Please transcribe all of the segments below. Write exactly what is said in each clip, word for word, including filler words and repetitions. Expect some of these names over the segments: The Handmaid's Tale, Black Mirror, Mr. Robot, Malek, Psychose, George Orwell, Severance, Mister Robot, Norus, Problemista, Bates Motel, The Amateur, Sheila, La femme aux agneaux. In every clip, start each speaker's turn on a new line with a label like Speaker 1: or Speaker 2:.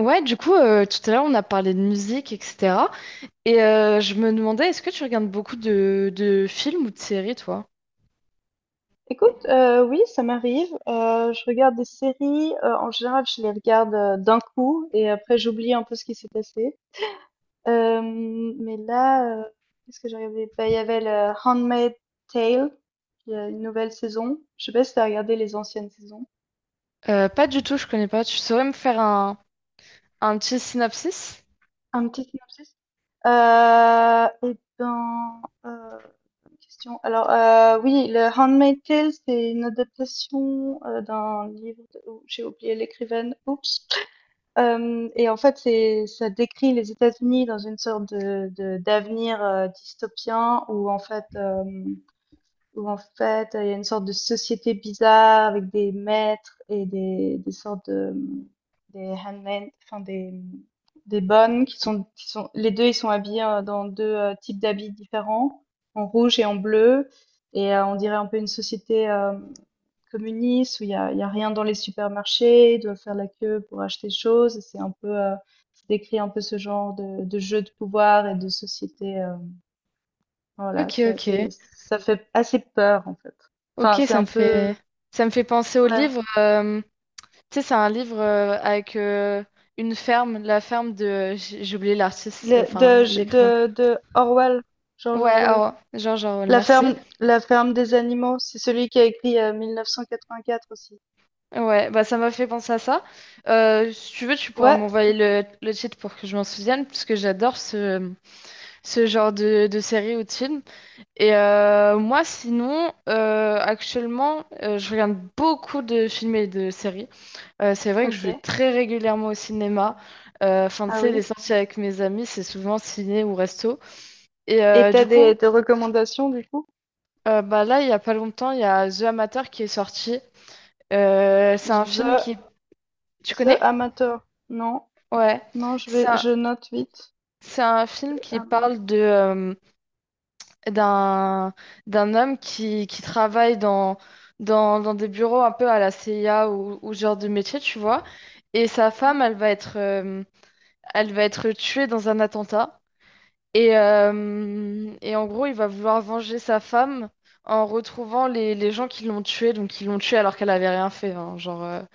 Speaker 1: Ouais, du coup, euh, tout à l'heure, on a parlé de musique, et cetera. Et euh, je me demandais, est-ce que tu regardes beaucoup de, de films ou de séries, toi?
Speaker 2: Écoute, euh, oui, ça m'arrive. Euh, je regarde des séries. Euh, en général, je les regarde euh, d'un coup et après j'oublie un peu ce qui s'est passé. Euh, mais là, euh, Qu'est-ce que j'ai regardé? Bah, il y avait le Handmaid's Tale. Il y a une nouvelle saison. Je sais pas si t'as regardé les anciennes saisons.
Speaker 1: Euh, pas du tout, je connais pas. Tu saurais me faire un, un petit synopsis?
Speaker 2: Un petit synopsis. Euh, et ben, euh, Bonne question. Alors, euh, oui, le Handmaid's Tale, c'est une adaptation euh, d'un livre. De- oh, j'ai oublié l'écrivaine. Oups. Hem Et en fait, c'est ça décrit les États-Unis dans une sorte de de d'avenir, heu, dystopien où en fait, hem, où en fait, il y a une sorte de société bizarre avec des maîtres et des des sortes de, mmh des handmade, enfin des, des bonnes qui sont, qui sont, les deux, ils sont habillés euh, dans deux euh, types d'habits différents, en rouge et en bleu. Et euh, on dirait un peu une société euh, communiste où il y a, il y a rien dans les supermarchés, ils doivent faire la queue pour acheter des choses. et C'est un peu, euh, ça décrit un peu ce genre de, de jeu de pouvoir et de société. Euh, voilà,
Speaker 1: Ok,
Speaker 2: ça,
Speaker 1: ok.
Speaker 2: c'est, ça fait assez peur en fait.
Speaker 1: Ok,
Speaker 2: Enfin, c'est
Speaker 1: ça me
Speaker 2: un
Speaker 1: fait,
Speaker 2: peu,
Speaker 1: ça me fait penser au
Speaker 2: ouais,
Speaker 1: livre. Euh, tu sais, c'est un livre euh, avec euh, une ferme, la ferme de... J'ai j'ai oublié l'artiste, euh,
Speaker 2: le- de,
Speaker 1: enfin, l'écrivain.
Speaker 2: de, de Orwell, George
Speaker 1: Ouais,
Speaker 2: Orwell.
Speaker 1: alors, George Orwell,
Speaker 2: La
Speaker 1: merci.
Speaker 2: ferme, la ferme des animaux, c'est celui qui a écrit euh, mille neuf cent quatre-vingt-quatre aussi.
Speaker 1: Ouais, bah ça m'a fait penser à ça. Euh, si tu veux, tu pourras
Speaker 2: Ouais,
Speaker 1: m'envoyer le, le titre pour que je m'en souvienne, parce que j'adore ce, ce genre de, de série ou de film. Et euh, moi, sinon, euh, actuellement, euh, je regarde beaucoup de films et de séries. Euh, c'est vrai que je
Speaker 2: ok.
Speaker 1: vais très régulièrement au cinéma. Euh, Enfin, tu
Speaker 2: Ah
Speaker 1: sais, les
Speaker 2: oui.
Speaker 1: sorties avec mes amis, c'est souvent ciné ou resto. Et
Speaker 2: Et
Speaker 1: euh,
Speaker 2: t'as
Speaker 1: du
Speaker 2: des,
Speaker 1: coup,
Speaker 2: des recommandations du coup?
Speaker 1: euh, Bah là, il y a pas longtemps, il y a The Amateur qui est sorti. Euh, c'est un film
Speaker 2: The,
Speaker 1: qui... Tu
Speaker 2: The
Speaker 1: connais?
Speaker 2: Amateur. Non,
Speaker 1: Ouais.
Speaker 2: non, je vais,
Speaker 1: Ça...
Speaker 2: je note vite.
Speaker 1: C'est un film qui
Speaker 2: Ama-
Speaker 1: parle de euh, d'un d'un homme qui, qui travaille dans, dans, dans des bureaux un peu à la C I A ou, ou ce genre de métier, tu vois. Et sa femme, elle va être euh, elle va être tuée dans un attentat. Et, euh, et en gros, il va vouloir venger sa femme en retrouvant les, les gens qui l'ont tuée, donc qui l'ont tuée alors qu'elle avait rien fait, hein, genre, euh, euh,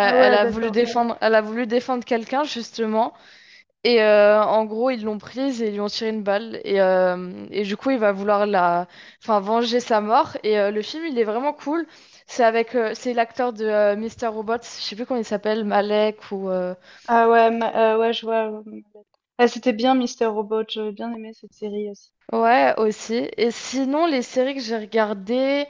Speaker 2: Ah ouais,
Speaker 1: a voulu
Speaker 2: d'accord.
Speaker 1: défendre elle a voulu défendre quelqu'un justement. Et euh, en gros, ils l'ont prise et ils lui ont tiré une balle. Et, euh, et du coup, il va vouloir la... enfin, venger sa mort. Et euh, le film, il est vraiment cool. C'est avec, euh, c'est l'acteur de euh, mister Robot, je sais plus comment il s'appelle, Malek ou... euh,
Speaker 2: Ah ouais, ma- euh, ouais, je vois. Ouais. Ah, c'était bien, Mister Robot. J'avais bien aimé cette série aussi.
Speaker 1: Ouais, aussi. Et sinon, les séries que j'ai regardées...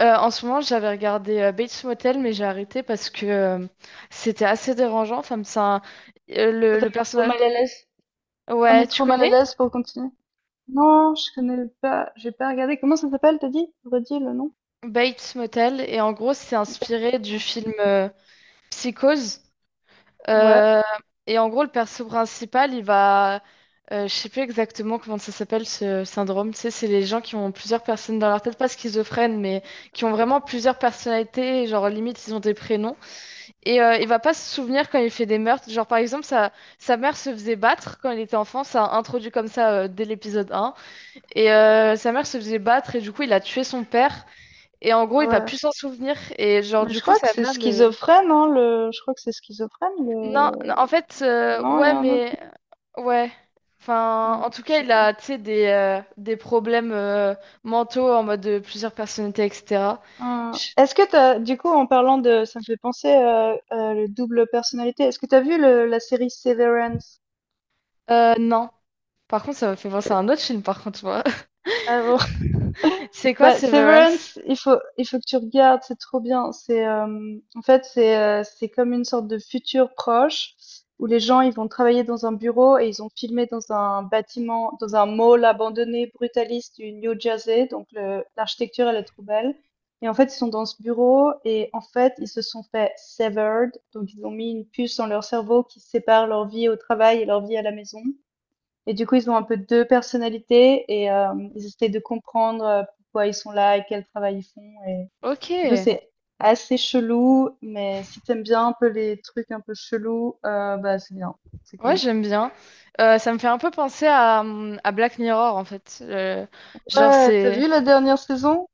Speaker 1: euh, en ce moment, j'avais regardé euh, Bates Motel, mais j'ai arrêté parce que euh, c'était assez dérangeant. Enfin, c'est un- euh,
Speaker 2: Ça
Speaker 1: le,
Speaker 2: t'a
Speaker 1: le
Speaker 2: mis trop
Speaker 1: personnage...
Speaker 2: mal à l'aise. T'as
Speaker 1: Ouais,
Speaker 2: mis
Speaker 1: tu
Speaker 2: trop mal à
Speaker 1: connais?
Speaker 2: l'aise pour continuer? Non, je connais pas. J'ai pas regardé. Comment ça s'appelle, t'as dit? Redis le nom.
Speaker 1: Bates Motel. Et en gros, c'est inspiré du film euh, Psychose.
Speaker 2: Ouais.
Speaker 1: Euh, et en gros, le perso principal, il va. Euh, je sais plus exactement comment ça s'appelle ce syndrome. Tu sais, c'est les gens qui ont plusieurs personnes dans leur tête, pas schizophrènes, mais qui ont vraiment plusieurs personnalités. Genre, limite, ils ont des prénoms. Et euh, il va pas se souvenir quand il fait des meurtres. Genre, par exemple, sa, sa mère se faisait battre quand il était enfant. Ça a introduit comme ça euh, dès l'épisode un. Et euh, sa mère se faisait battre et du coup, il a tué son père. Et en gros,
Speaker 2: Ah
Speaker 1: il va
Speaker 2: ouais.
Speaker 1: plus s'en souvenir. Et genre,
Speaker 2: Mais
Speaker 1: du
Speaker 2: je
Speaker 1: coup,
Speaker 2: crois que
Speaker 1: sa
Speaker 2: c'est
Speaker 1: mère le.
Speaker 2: schizophrène, hein, le… Je crois que c'est schizophrène,
Speaker 1: Non, non, en
Speaker 2: le…
Speaker 1: fait, euh,
Speaker 2: Non, il y
Speaker 1: ouais,
Speaker 2: a un autre…
Speaker 1: mais ouais. Enfin,
Speaker 2: nom,
Speaker 1: en
Speaker 2: non,
Speaker 1: tout
Speaker 2: je
Speaker 1: cas,
Speaker 2: sais
Speaker 1: il
Speaker 2: pas.
Speaker 1: a, tu sais, des, euh, des problèmes euh, mentaux en mode de plusieurs personnalités, et cetera.
Speaker 2: Euh,
Speaker 1: Je-
Speaker 2: Est-ce que t'as… Du coup, en parlant de… Ça me fait penser à, à le double personnalité. Est-ce que t'as vu le- la série Severance?
Speaker 1: Euh, non. Par contre, ça m'a fait penser
Speaker 2: Euh,
Speaker 1: à un autre film, par contre, moi.
Speaker 2: Ah bon.
Speaker 1: C'est quoi,
Speaker 2: Bah,
Speaker 1: Severance?
Speaker 2: Severance, il faut, il faut que tu regardes, c'est trop bien. C'est, euh, en fait, c'est, euh, C'est comme une sorte de futur proche où les gens, ils vont travailler dans un bureau et ils ont filmé dans un bâtiment, dans un mall abandonné brutaliste du New Jersey. Donc, le- l'architecture, elle est trop belle. Et en fait, ils sont dans ce bureau et en fait, ils se sont fait severed. Donc, ils ont mis une puce dans leur cerveau qui sépare leur vie au travail et leur vie à la maison. Et du coup, ils ont un peu deux personnalités et hem, ils essaient de comprendre, heu, pourquoi ils sont là et quel travail ils font et
Speaker 1: Ok.
Speaker 2: du coup, c'est assez chelou, mais si t'aimes bien un peu les trucs un peu chelous, heu, bah, c'est bien, c'est
Speaker 1: Ouais,
Speaker 2: cool.
Speaker 1: j'aime bien. Euh, ça me fait un peu penser à, hum, à Black Mirror, en fait. Euh, genre,
Speaker 2: Ouais, t'as
Speaker 1: c'est...
Speaker 2: vu la dernière saison?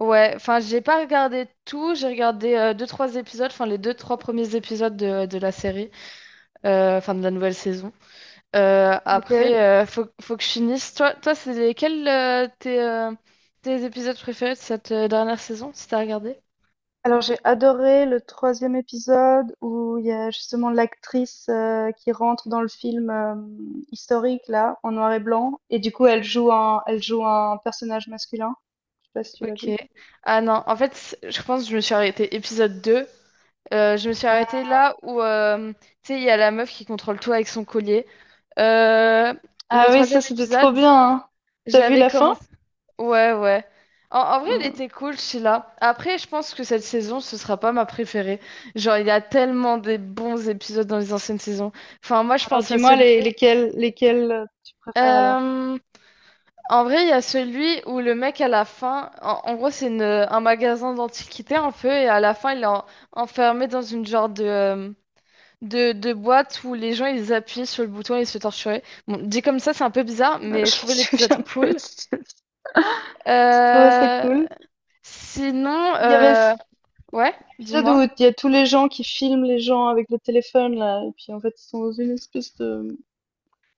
Speaker 1: Ouais, enfin, j'ai pas regardé tout. J'ai regardé euh, deux, trois épisodes, enfin, les deux, trois premiers épisodes de, de la série, euh, enfin de la nouvelle saison. Euh,
Speaker 2: OK.
Speaker 1: après, euh, faut, faut que je finisse. Toi, toi c'est lesquels euh, tes, euh, tes épisodes préférés de cette euh, dernière saison, si t'as regardé?
Speaker 2: Alors j'ai adoré le troisième épisode où il y a justement l'actrice, heu, qui rentre dans le film, hem, historique là, en noir et blanc et du coup elle joue un elle joue un personnage masculin. Je sais pas si tu l'as
Speaker 1: Ok.
Speaker 2: vu?
Speaker 1: Ah non, en fait, c- je pense que je me suis arrêtée épisode deux. Euh, je me suis arrêtée là où, euh, tu sais, il y a la meuf qui contrôle tout avec son collier. Euh, le
Speaker 2: Ah oui, ça
Speaker 1: troisième
Speaker 2: c'était
Speaker 1: épisode.
Speaker 2: trop bien, hein. T'as vu
Speaker 1: J'avais
Speaker 2: la fin?
Speaker 1: commencé. Ouais, ouais. En, en vrai, elle
Speaker 2: Hmm.
Speaker 1: était cool, Sheila. Après, je pense que cette saison, ce sera pas ma préférée. Genre, il y a tellement des bons épisodes dans les anciennes saisons. Enfin, moi, je
Speaker 2: Alors
Speaker 1: pense à
Speaker 2: dis-moi
Speaker 1: celui.
Speaker 2: les- lesquels lesquels euh, tu préfères alors?
Speaker 1: Euh, En vrai, il y a celui où le mec, à la fin, en, en gros, c'est une- un magasin d'antiquités un peu, et à la fin, il est en- enfermé dans une genre de, euh, de, de boîte où les gens, ils appuyaient sur le bouton et ils se torturaient. Bon, dit comme ça, c'est un peu bizarre,
Speaker 2: Euh,
Speaker 1: mais je
Speaker 2: Je me
Speaker 1: trouvais l'épisode
Speaker 2: souviens
Speaker 1: cool.
Speaker 2: plus. Je trouvais ça
Speaker 1: Euh,
Speaker 2: cool.
Speaker 1: Sinon,
Speaker 2: Il y avait
Speaker 1: euh,
Speaker 2: cet
Speaker 1: ouais,
Speaker 2: épisode où
Speaker 1: dis-moi.
Speaker 2: il y a tous les gens qui filment les gens avec le téléphone là, et puis en fait ils sont dans une espèce de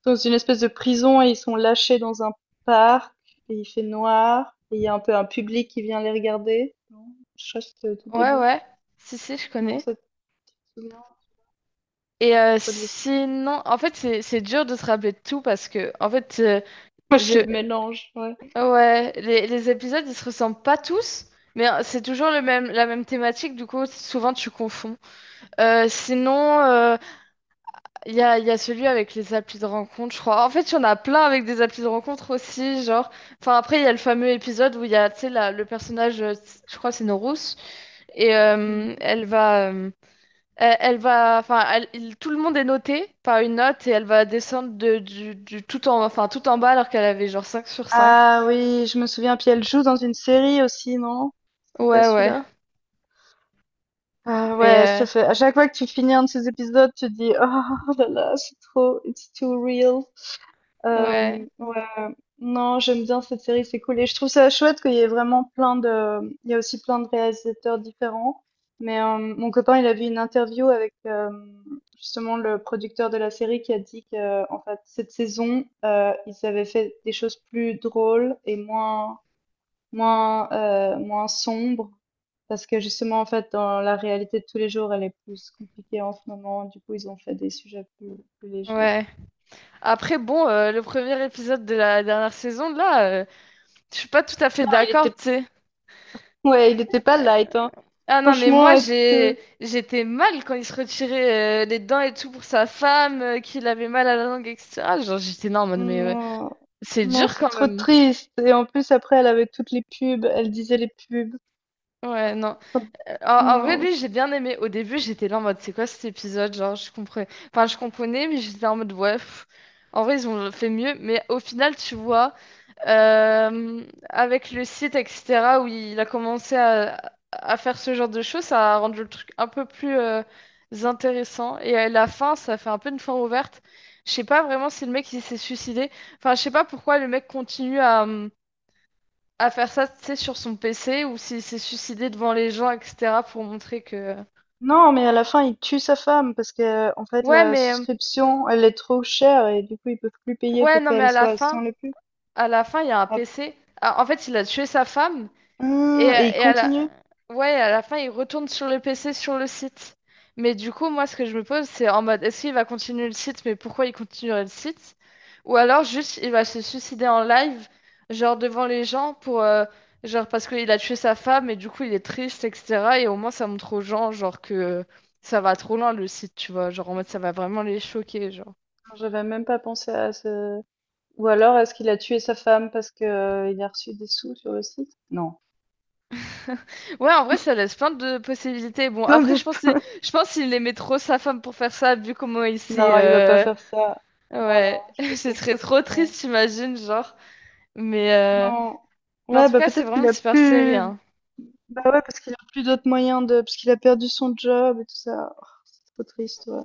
Speaker 2: dans une espèce de prison et ils sont lâchés dans un parc et il fait noir et il y a un peu un public qui vient les regarder. Non, je crois que c'était au tout
Speaker 1: Ouais,
Speaker 2: début.
Speaker 1: ouais. Si, si, je
Speaker 2: Non,
Speaker 1: connais.
Speaker 2: ça te souvient? Je me
Speaker 1: Et
Speaker 2: souviens plus
Speaker 1: euh,
Speaker 2: trop de l'histoire.
Speaker 1: sinon, en fait, c'est c'est dur de se rappeler de tout parce que, en fait, euh,
Speaker 2: Moi, je les
Speaker 1: je,
Speaker 2: mélange, ouais.
Speaker 1: ouais, les, les épisodes, ils se ressemblent pas tous, mais euh, c'est toujours le même, la même thématique, du coup, souvent tu confonds. Euh, sinon, euh, il y a, il y a celui avec les applis de rencontre, je crois. En fait, il y en a plein avec des applis de rencontre aussi, genre. Enfin, après, il y a le fameux épisode où il y a, tu sais, la- le personnage, euh, je crois, que c'est Norus. Et euh,
Speaker 2: Mmh.
Speaker 1: elle va, euh, elle, elle va, enfin, elle- il- tout le monde est noté par une note et elle va descendre de, du, du tout en, enfin, tout en bas alors qu'elle avait genre cinq sur cinq.
Speaker 2: Ah oui, je me souviens, puis elle joue dans une série aussi, non? C'est pas
Speaker 1: Ouais, ouais,
Speaker 2: celui-là? Ah ouais, ça
Speaker 1: mais
Speaker 2: fait à chaque fois que tu finis un de ces épisodes, tu te dis: «Oh là là, c'est trop it's too real».
Speaker 1: euh, ouais,
Speaker 2: Euh, ouais, non, j'aime bien cette série, c'est cool. Et je trouve ça chouette qu'il y ait vraiment plein de… Il y a aussi plein de réalisateurs différents. Mais euh, mon copain, il a vu une interview avec euh, justement le producteur de la série qui a dit que, en fait, cette saison, euh, ils avaient fait des choses plus drôles et moins, moins, euh, moins sombres. Parce que justement, en fait, dans la réalité de tous les jours, elle est plus compliquée en ce moment. Du coup, ils ont fait des sujets plus, plus légers.
Speaker 1: ouais. Après, bon, euh, le premier épisode de la dernière saison, là, euh, je suis pas tout à fait
Speaker 2: Non, il
Speaker 1: d'accord,
Speaker 2: était,
Speaker 1: tu sais.
Speaker 2: ouais, il était pas
Speaker 1: Euh,
Speaker 2: light, hein.
Speaker 1: Ah non, mais moi,
Speaker 2: Franchement, heu,
Speaker 1: j'ai, j'étais mal quand il se retirait euh, les dents et tout pour sa femme, euh, qu'il avait mal à la langue, et cetera. Genre, j'étais non, en mode, mais ouais,
Speaker 2: non,
Speaker 1: c'est
Speaker 2: non,
Speaker 1: dur
Speaker 2: c'est
Speaker 1: quand
Speaker 2: trop
Speaker 1: même.
Speaker 2: triste et en plus après elle avait toutes les pubs, elle disait les pubs.
Speaker 1: Ouais, non.
Speaker 2: Quand
Speaker 1: Euh, En, en vrai,
Speaker 2: non,
Speaker 1: lui,
Speaker 2: c
Speaker 1: j'ai bien aimé. Au début, j'étais là en mode, c'est quoi cet épisode? Genre, je comprenais. Enfin, je comprenais, mais j'étais en mode, ouais. Pff. En vrai, ils ont fait mieux. Mais au final, tu vois, euh, avec le site, et cetera, où il a commencé à, à faire ce genre de choses, ça a rendu le truc un peu plus euh, intéressant. Et à la fin, ça fait un peu une fin ouverte. Je sais pas vraiment si le mec il s'est suicidé. Enfin, je sais pas pourquoi le mec continue à, hum, à faire ça, tu sais, sur son P C ou s'il s'est suicidé devant les gens, et cetera pour montrer que...
Speaker 2: non, mais à la fin, il tue sa femme parce qu'en fait
Speaker 1: Ouais,
Speaker 2: la
Speaker 1: mais...
Speaker 2: souscription, elle est trop chère et du coup, ils peuvent plus payer
Speaker 1: Ouais,
Speaker 2: pour
Speaker 1: non, mais
Speaker 2: qu'elle
Speaker 1: à la
Speaker 2: soit sans
Speaker 1: fin,
Speaker 2: les pubs.
Speaker 1: à la fin, il y a un
Speaker 2: Ah
Speaker 1: P C. Ah, en fait, il a tué sa femme. Et, euh,
Speaker 2: ah et il
Speaker 1: et à la...
Speaker 2: continue?
Speaker 1: Ouais, à la fin, il retourne sur le P C, sur le site. Mais du coup, moi, ce que je me pose, c'est en mode, est-ce qu'il va continuer le site, mais pourquoi il continuerait le site? Ou alors, juste, il va se suicider en live, genre devant les gens, pour, euh, genre parce qu'il a tué sa femme, et du coup, il est triste, et cetera. Et au moins, ça montre aux gens, genre, que euh, ça va trop loin, le site, tu vois. Genre, en mode, ça va vraiment les choquer, genre.
Speaker 2: J'avais même pas pensé à ce Ou alors est-ce qu'il a tué sa femme parce qu'il a reçu des sous sur le site? Non.
Speaker 1: Ouais, en vrai, ça laisse plein de possibilités. Bon,
Speaker 2: Plein
Speaker 1: après,
Speaker 2: de
Speaker 1: je pense que-
Speaker 2: po
Speaker 1: je pense qu'il aimait trop sa femme pour faire ça, vu comment il s'est
Speaker 2: non, il va pas
Speaker 1: euh,
Speaker 2: faire ça. Non,
Speaker 1: Ouais,
Speaker 2: non, je pense
Speaker 1: ce
Speaker 2: pas que
Speaker 1: serait trop
Speaker 2: c'est
Speaker 1: triste, j'imagine, genre. Mais, euh,
Speaker 2: non.
Speaker 1: mais en
Speaker 2: Ouais,
Speaker 1: tout
Speaker 2: bah
Speaker 1: cas, c'est
Speaker 2: peut-être
Speaker 1: vraiment
Speaker 2: qu'il
Speaker 1: une
Speaker 2: a
Speaker 1: super série,
Speaker 2: plus.
Speaker 1: hein.
Speaker 2: Bah ouais, parce qu'il a plus d'autres moyens de. Parce qu'il a perdu son job et tout ça. Oh, c'est trop triste, ouais.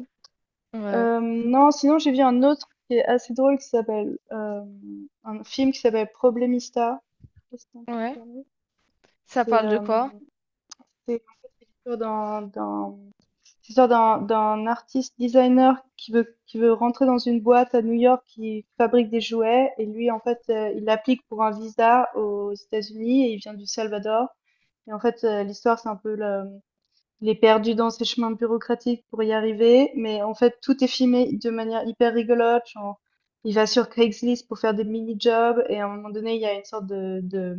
Speaker 1: Ouais,
Speaker 2: Euh, non, sinon j'ai vu un autre qui est assez drôle qui s'appelle. Euh, un film qui s'appelle Problemista. Je sais pas si t'as entendu
Speaker 1: ouais.
Speaker 2: parler.
Speaker 1: Ça
Speaker 2: C'est
Speaker 1: parle de
Speaker 2: euh,
Speaker 1: quoi?
Speaker 2: c'est En fait, c'est l'histoire d'un d'un c'est l'histoire d'un, d'un artiste designer qui veut, qui veut rentrer dans une boîte à New York qui fabrique des jouets. Et lui, en fait, euh, il applique pour un visa aux États-Unis et il vient du Salvador. Et en fait, euh, l'histoire, c'est un peu le, il est perdu dans ses chemins bureaucratiques pour y arriver, mais en fait, tout est filmé de manière hyper rigolote. Genre, il va sur Craigslist pour faire des mini-jobs et à un moment donné, il y a une sorte de, de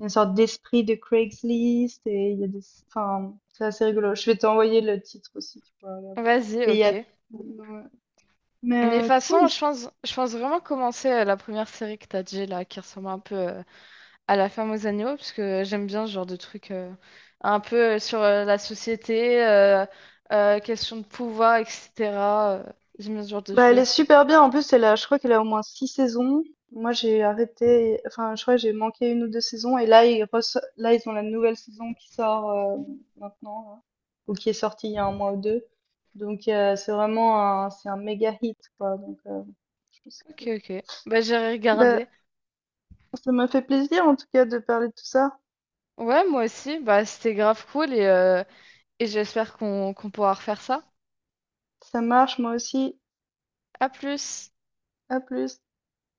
Speaker 2: une sorte d'esprit de Craigslist et il y a des, enfin, c'est assez rigolo. Je vais t'envoyer le titre aussi, tu pourras regarder.
Speaker 1: Vas-y,
Speaker 2: Et il y
Speaker 1: ok.
Speaker 2: a, Ouais. Mais
Speaker 1: Mais de toute
Speaker 2: euh, cool.
Speaker 1: façon, je pense, je pense vraiment commencer euh, la première série que t'as dit, là, qui ressemble un peu euh, à La femme aux agneaux, parce que j'aime bien ce genre de truc euh, un peu euh, sur euh, la société, euh, euh, question de pouvoir, et cetera euh, J'aime bien ce genre de
Speaker 2: Bah, elle est
Speaker 1: choses.
Speaker 2: super bien. En plus, elle a, je crois qu'elle a au moins six saisons. Moi, j'ai arrêté, enfin, je crois que j'ai manqué une ou deux saisons. Et là, ils, reço- là, ils ont la nouvelle saison qui sort euh, maintenant, là, ou qui est sortie il y a un mois ou deux. Donc, euh, c'est vraiment un, c'est un méga hit, quoi. Donc, euh, je pense que…
Speaker 1: Ok, ok. Bah, j'ai
Speaker 2: Bah,
Speaker 1: regardé.
Speaker 2: ça m'a fait plaisir, en tout cas, de parler de tout ça.
Speaker 1: Ouais, moi aussi, bah, c'était grave cool et... euh, Et j'espère qu'on qu'on pourra refaire ça.
Speaker 2: Ça marche, moi aussi.
Speaker 1: À plus!
Speaker 2: À plus.